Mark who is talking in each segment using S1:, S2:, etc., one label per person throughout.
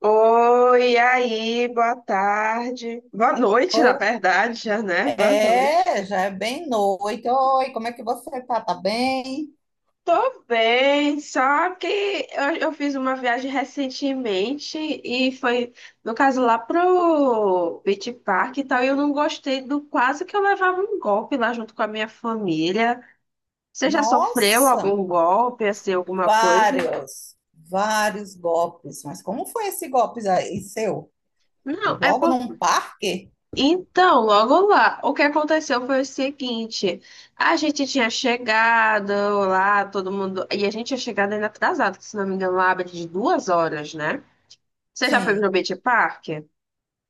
S1: Oi, e aí, boa tarde. Boa noite, na
S2: Ou
S1: verdade, já, né? Boa noite.
S2: é, já é bem noite. Oi, como é que você tá? Tá bem?
S1: Tô bem, só que eu fiz uma viagem recentemente e foi, no caso, lá pro Beach Park e tal, e eu não gostei do quase que eu levava um golpe lá junto com a minha família. Você já sofreu
S2: Nossa,
S1: algum golpe, assim, alguma coisa?
S2: vários golpes. Mas como foi esse golpe aí seu?
S1: Não, é
S2: Logo
S1: por.
S2: num parque?
S1: Então, logo lá, o que aconteceu foi o seguinte: a gente tinha chegado lá, todo mundo. E a gente tinha chegado ainda atrasado, que se não me engano, lá abre de duas horas, né? Você já foi
S2: Sim.
S1: pro Beach Park?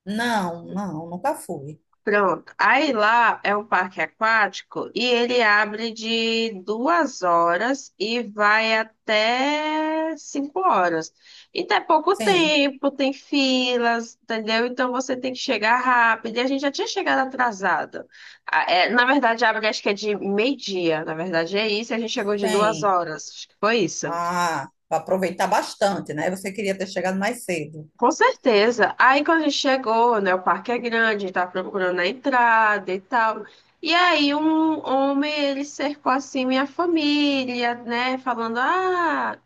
S2: Não, Nunca fui.
S1: Pronto. Aí lá é um parque aquático e ele abre de duas horas e vai até cinco horas. Então é pouco
S2: Sim,
S1: tempo, tem filas, entendeu? Então você tem que chegar rápido. E a gente já tinha chegado atrasado. Ah, é, na verdade, abre acho que é de meio-dia. Na verdade, é isso. E a gente chegou de duas
S2: sim.
S1: horas. Acho que foi isso.
S2: Ah, para aproveitar bastante, né? Você queria ter chegado mais cedo.
S1: Com certeza. Aí quando a gente chegou, né, o parque é grande, tá procurando a entrada e tal. E aí um homem, ele cercou assim minha família, né, falando: "Ah,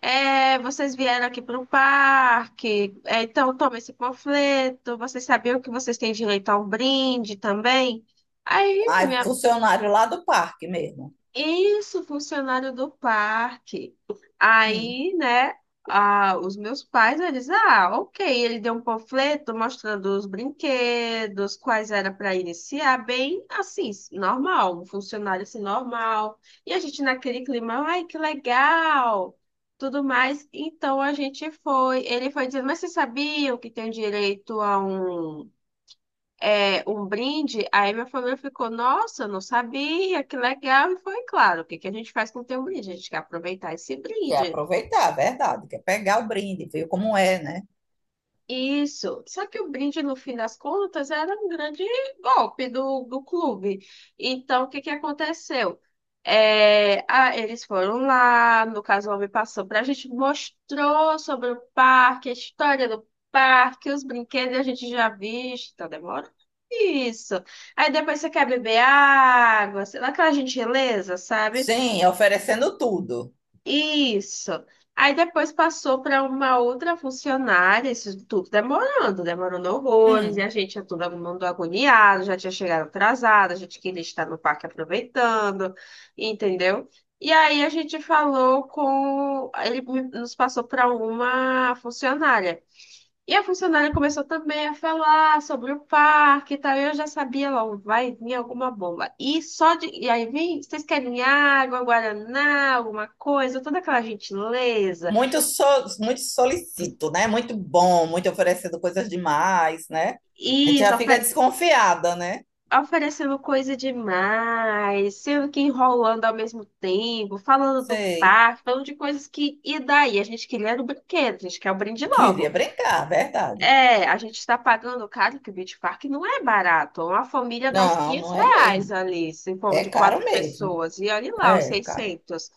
S1: é, vocês vieram aqui para o parque. É, então toma esse panfleto. Vocês sabiam que vocês têm direito a um brinde também?" Aí
S2: Ai,
S1: minha.
S2: funcionário lá do parque mesmo.
S1: Isso, funcionário do parque.
S2: Hum,
S1: Aí, né, ah, os meus pais, eles, ah, ok, ele deu um panfleto mostrando os brinquedos, quais era para iniciar, bem assim, normal, um funcionário assim, normal. E a gente naquele clima, ai, que legal, tudo mais. Então a gente foi, ele foi dizendo, mas vocês sabiam que tem direito a um é, um brinde, aí minha família ficou, nossa, não sabia, que legal. E foi claro, o que que a gente faz quando tem um brinde? A gente quer aproveitar esse
S2: quer
S1: brinde.
S2: aproveitar, é verdade. Quer pegar o brinde, viu como é, né?
S1: Isso, só que o brinde, no fim das contas, era um grande golpe do clube. Então, o que que aconteceu? Eles foram lá, no caso, o homem passou para a gente, mostrou sobre o parque, a história do parque, os brinquedos a gente já visto, tá demorando. Isso. Aí depois você quer beber água, sei lá, aquela gentileza, sabe?
S2: Sim, oferecendo tudo.
S1: Isso. Aí depois passou para uma outra funcionária, isso tudo demorando, demorando horrores, e
S2: Hum,
S1: a gente já todo mundo agoniado, já tinha chegado atrasado, a gente queria estar no parque aproveitando, entendeu? E aí a gente falou com, ele nos passou para uma funcionária. E a funcionária começou também a falar sobre o parque e tal. E eu já sabia logo, vai vir alguma bomba. E só de. E aí vem, vocês querem água, guaraná, alguma coisa, toda aquela gentileza.
S2: muito, so, muito solicito, né? Muito bom, muito oferecendo coisas demais, né? A gente já
S1: Isso,
S2: fica desconfiada, né?
S1: oferecendo coisa demais, sendo que enrolando ao mesmo tempo, falando do
S2: Sei.
S1: parque, falando de coisas que. E daí? A gente queria era o brinquedo, a gente quer o brinde
S2: Queria
S1: logo.
S2: brincar, verdade.
S1: É, a gente está pagando caro, que o Beach Park não é barato. Uma família dá uns
S2: Não,
S1: 500
S2: não é
S1: reais
S2: mesmo.
S1: ali, se for
S2: É
S1: de
S2: caro
S1: quatro
S2: mesmo.
S1: pessoas. E olha lá, os
S2: É caro.
S1: 600.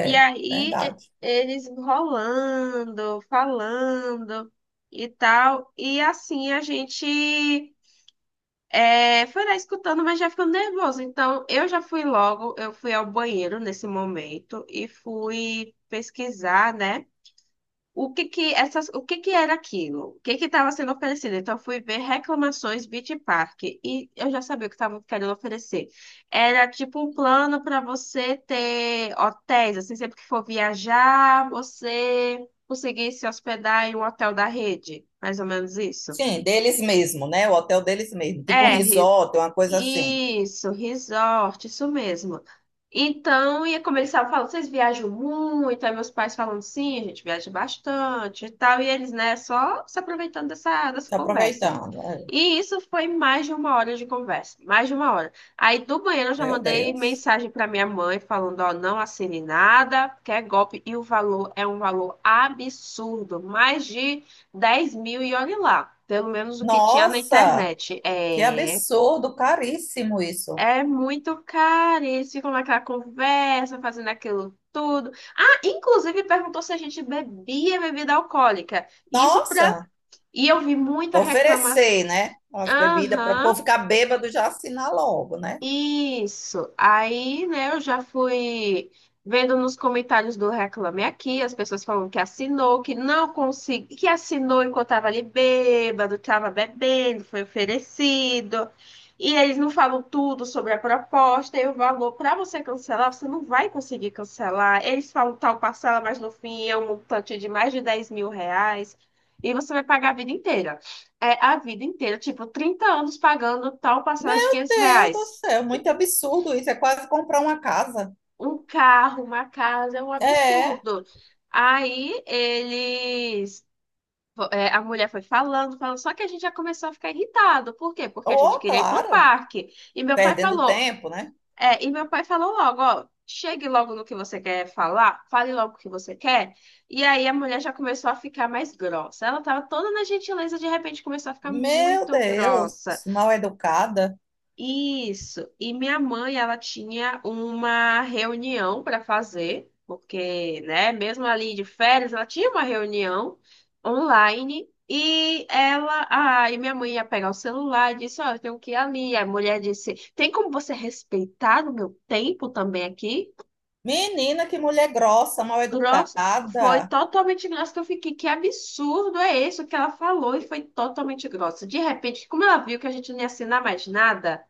S1: E aí
S2: verdade.
S1: eles enrolando, falando e tal. E assim a gente é, foi lá escutando, mas já ficando nervoso. Então eu já fui logo, eu fui ao banheiro nesse momento e fui pesquisar, né? O que que era aquilo? O que que estava sendo oferecido? Então eu fui ver reclamações Beach Park e eu já sabia o que estavam querendo oferecer. Era tipo um plano para você ter hotéis, assim, sempre que for viajar, você conseguir se hospedar em um hotel da rede, mais ou menos isso.
S2: Sim, deles mesmo, né? O hotel deles mesmo. Tipo um
S1: É,
S2: resort, uma coisa assim.
S1: isso, resort, isso mesmo. Então, ia começar a falar, vocês viajam muito? Aí meus pais falando sim, a gente viaja bastante e tal. E eles, né, só se aproveitando dessa
S2: Se
S1: conversa.
S2: aproveitando. Ai,
S1: E isso foi mais de uma hora de conversa, mais de uma hora. Aí do banheiro eu já
S2: meu
S1: mandei
S2: Deus.
S1: mensagem para minha mãe falando, ó, não assine nada, porque é golpe e o valor é um valor absurdo, mais de 10 mil e olhe lá, pelo menos o que tinha na
S2: Nossa,
S1: internet.
S2: que
S1: É...
S2: absurdo, caríssimo isso.
S1: É muito caro, e eles ficam naquela conversa, fazendo aquilo tudo. Ah, inclusive perguntou se a gente bebia bebida alcoólica. E isso pra...
S2: Nossa,
S1: E eu vi muita reclamação.
S2: oferecer, né? As bebidas para o
S1: Aham,
S2: povo ficar bêbado já assinar logo, né?
S1: isso. Aí, né, eu já fui vendo nos comentários do Reclame Aqui, as pessoas falam que assinou, que não consegui, que assinou enquanto estava ali bêbado, estava bebendo, foi oferecido. E eles não falam tudo sobre a proposta e o valor para você cancelar, você não vai conseguir cancelar. Eles falam tal parcela, mas no fim é um montante de mais de R$ 10 mil. E você vai pagar a vida inteira. É a vida inteira, tipo, 30 anos pagando tal parcela de
S2: Meu
S1: 500
S2: Deus do
S1: reais
S2: céu, muito absurdo isso. É quase comprar uma casa.
S1: um carro, uma casa, é um
S2: É,
S1: absurdo. Aí eles. É, a mulher foi falando, falando, só que a gente já começou a ficar irritado. Por quê? Porque a gente
S2: oh,
S1: queria ir pro
S2: claro,
S1: parque. E meu pai
S2: perdendo
S1: falou,
S2: tempo, né?
S1: é, e meu pai falou logo, ó, chegue logo no que você quer falar, fale logo o que você quer. E aí a mulher já começou a ficar mais grossa. Ela tava toda na gentileza, de repente começou a ficar
S2: Meu
S1: muito
S2: Deus,
S1: grossa.
S2: mal educada.
S1: Isso. E minha mãe, ela tinha uma reunião para fazer, porque, né, mesmo ali de férias, ela tinha uma reunião online e ela, ah, e minha mãe ia pegar o celular e disse, ó, eu tenho que ir ali. A mulher disse, tem como você respeitar o meu tempo também aqui?
S2: Menina, que mulher grossa, mal
S1: Grossa, foi
S2: educada.
S1: totalmente grossa, que eu fiquei, que absurdo é isso que ela falou, e foi totalmente grossa. De repente, como ela viu que a gente não ia assinar mais nada,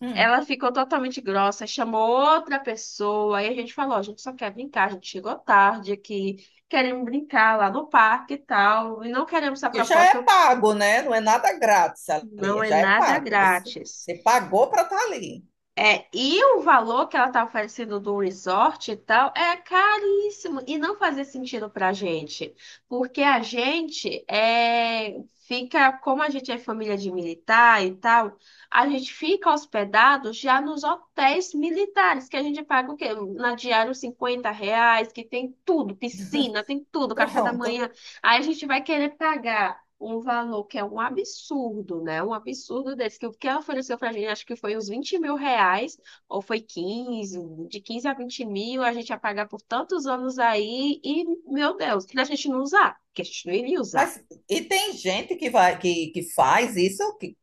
S2: Hum.
S1: ela ficou totalmente grossa, chamou outra pessoa, aí a gente falou, a gente só quer brincar, a gente chegou tarde aqui, queremos brincar lá no parque e tal, e não queremos essa
S2: Que já é
S1: proposta,
S2: pago, né? Não é nada grátis
S1: não
S2: ali,
S1: é
S2: já é
S1: nada
S2: pago. Você,
S1: grátis.
S2: você pagou para estar ali.
S1: É, e o valor que ela tá oferecendo do resort e tal é caríssimo e não fazia sentido pra gente, porque a gente é, fica, como a gente é família de militar e tal, a gente fica hospedado já nos hotéis militares, que a gente paga o quê? Na diária uns R$ 50, que tem tudo, piscina, tem
S2: E
S1: tudo, café da
S2: pronto.
S1: manhã. Aí a gente vai querer pagar um valor que é um absurdo, né? Um absurdo desse, que o que ela ofereceu pra gente, acho que foi uns R$ 20 mil, ou foi 15, de 15 a 20 mil, a gente ia pagar por tantos anos aí, e, meu Deus, que a gente não usar, que a gente não iria usar.
S2: Mas e tem gente que vai que faz isso, que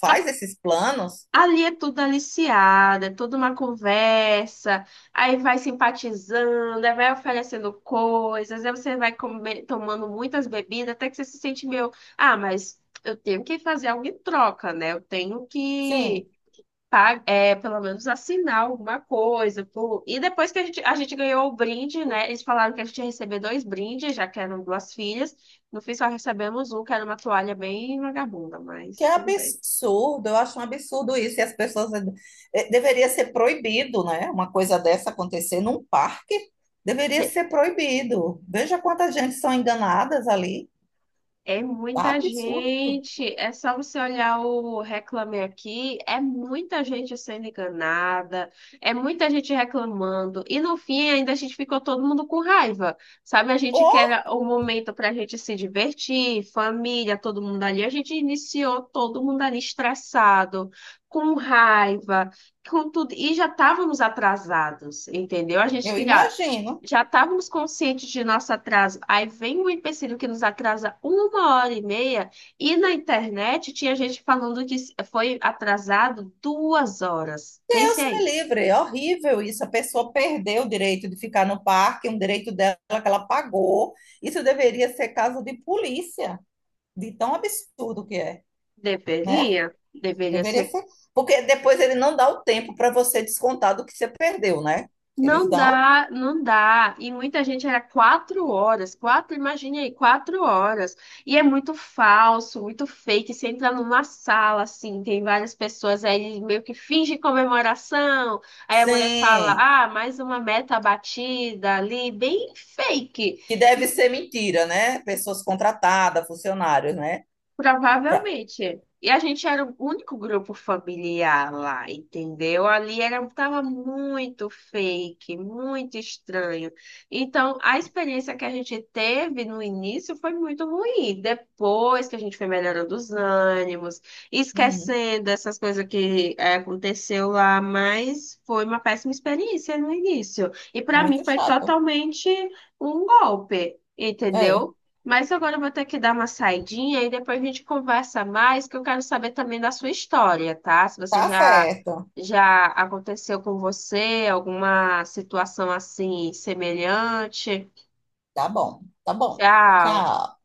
S2: faz esses planos?
S1: Ali é tudo aliciado, é toda uma conversa, aí vai simpatizando, aí vai oferecendo coisas, aí você vai tomando muitas bebidas, até que você se sente meio, ah, mas eu tenho que fazer algo em troca, né? Eu tenho que
S2: Sim.
S1: pelo menos assinar alguma coisa. Pô. E depois que a gente ganhou o brinde, né? Eles falaram que a gente ia receber dois brindes, já que eram duas filhas. No fim, só recebemos um, que era uma toalha bem vagabunda,
S2: Que
S1: mas
S2: é
S1: tudo bem.
S2: absurdo, eu acho um absurdo isso. E as pessoas. Deveria ser proibido, né? Uma coisa dessa acontecer num parque deveria ser proibido. Veja quantas gente são enganadas ali.
S1: É muita
S2: Absurdo.
S1: gente. É só você olhar o Reclame Aqui. É muita gente sendo enganada. É muita gente reclamando. E no fim, ainda a gente ficou todo mundo com raiva. Sabe, a gente
S2: Ou,
S1: quer o momento para a gente se divertir, família, todo mundo ali. A gente iniciou todo mundo ali estressado, com raiva, com tudo. E já estávamos atrasados, entendeu? A gente
S2: eu
S1: queria.
S2: imagino,
S1: Já estávamos conscientes de nosso atraso. Aí vem um empecilho que nos atrasa 1 hora e meia, e na internet tinha gente falando que foi atrasado 2 horas. Pense
S2: Deus me
S1: aí.
S2: livre, é horrível isso. A pessoa perdeu o direito de ficar no parque, um direito dela que ela pagou. Isso deveria ser caso de polícia, de tão absurdo que é, né?
S1: Deveria? Deveria ser.
S2: Deveria ser. Porque depois ele não dá o tempo para você descontar do que você perdeu, né? Eles
S1: Não
S2: dão?
S1: dá, não dá. E muita gente era 4 horas, quatro, imagine aí, 4 horas. E é muito falso, muito fake. Você entra numa sala, assim, tem várias pessoas aí meio que finge comemoração. Aí a mulher fala,
S2: Sim,
S1: ah, mais uma meta batida ali, bem fake.
S2: que deve ser mentira, né? Pessoas contratadas, funcionários, né? Pra-
S1: Provavelmente. E a gente era o único grupo familiar lá, entendeu? Ali era, tava muito fake, muito estranho. Então, a experiência que a gente teve no início foi muito ruim. Depois que a gente foi melhorando os ânimos,
S2: Uhum,
S1: esquecendo essas coisas que aconteceu lá, mas foi uma péssima experiência no início. E para mim
S2: muito
S1: foi
S2: chato.
S1: totalmente um golpe,
S2: É,
S1: entendeu? Mas agora eu vou ter que dar uma saidinha e depois a gente conversa mais, que eu quero saber também da sua história, tá? Se você
S2: tá
S1: já
S2: certo.
S1: já aconteceu com você alguma situação assim semelhante.
S2: Tá bom, tá bom.
S1: Tchau.
S2: Tchau.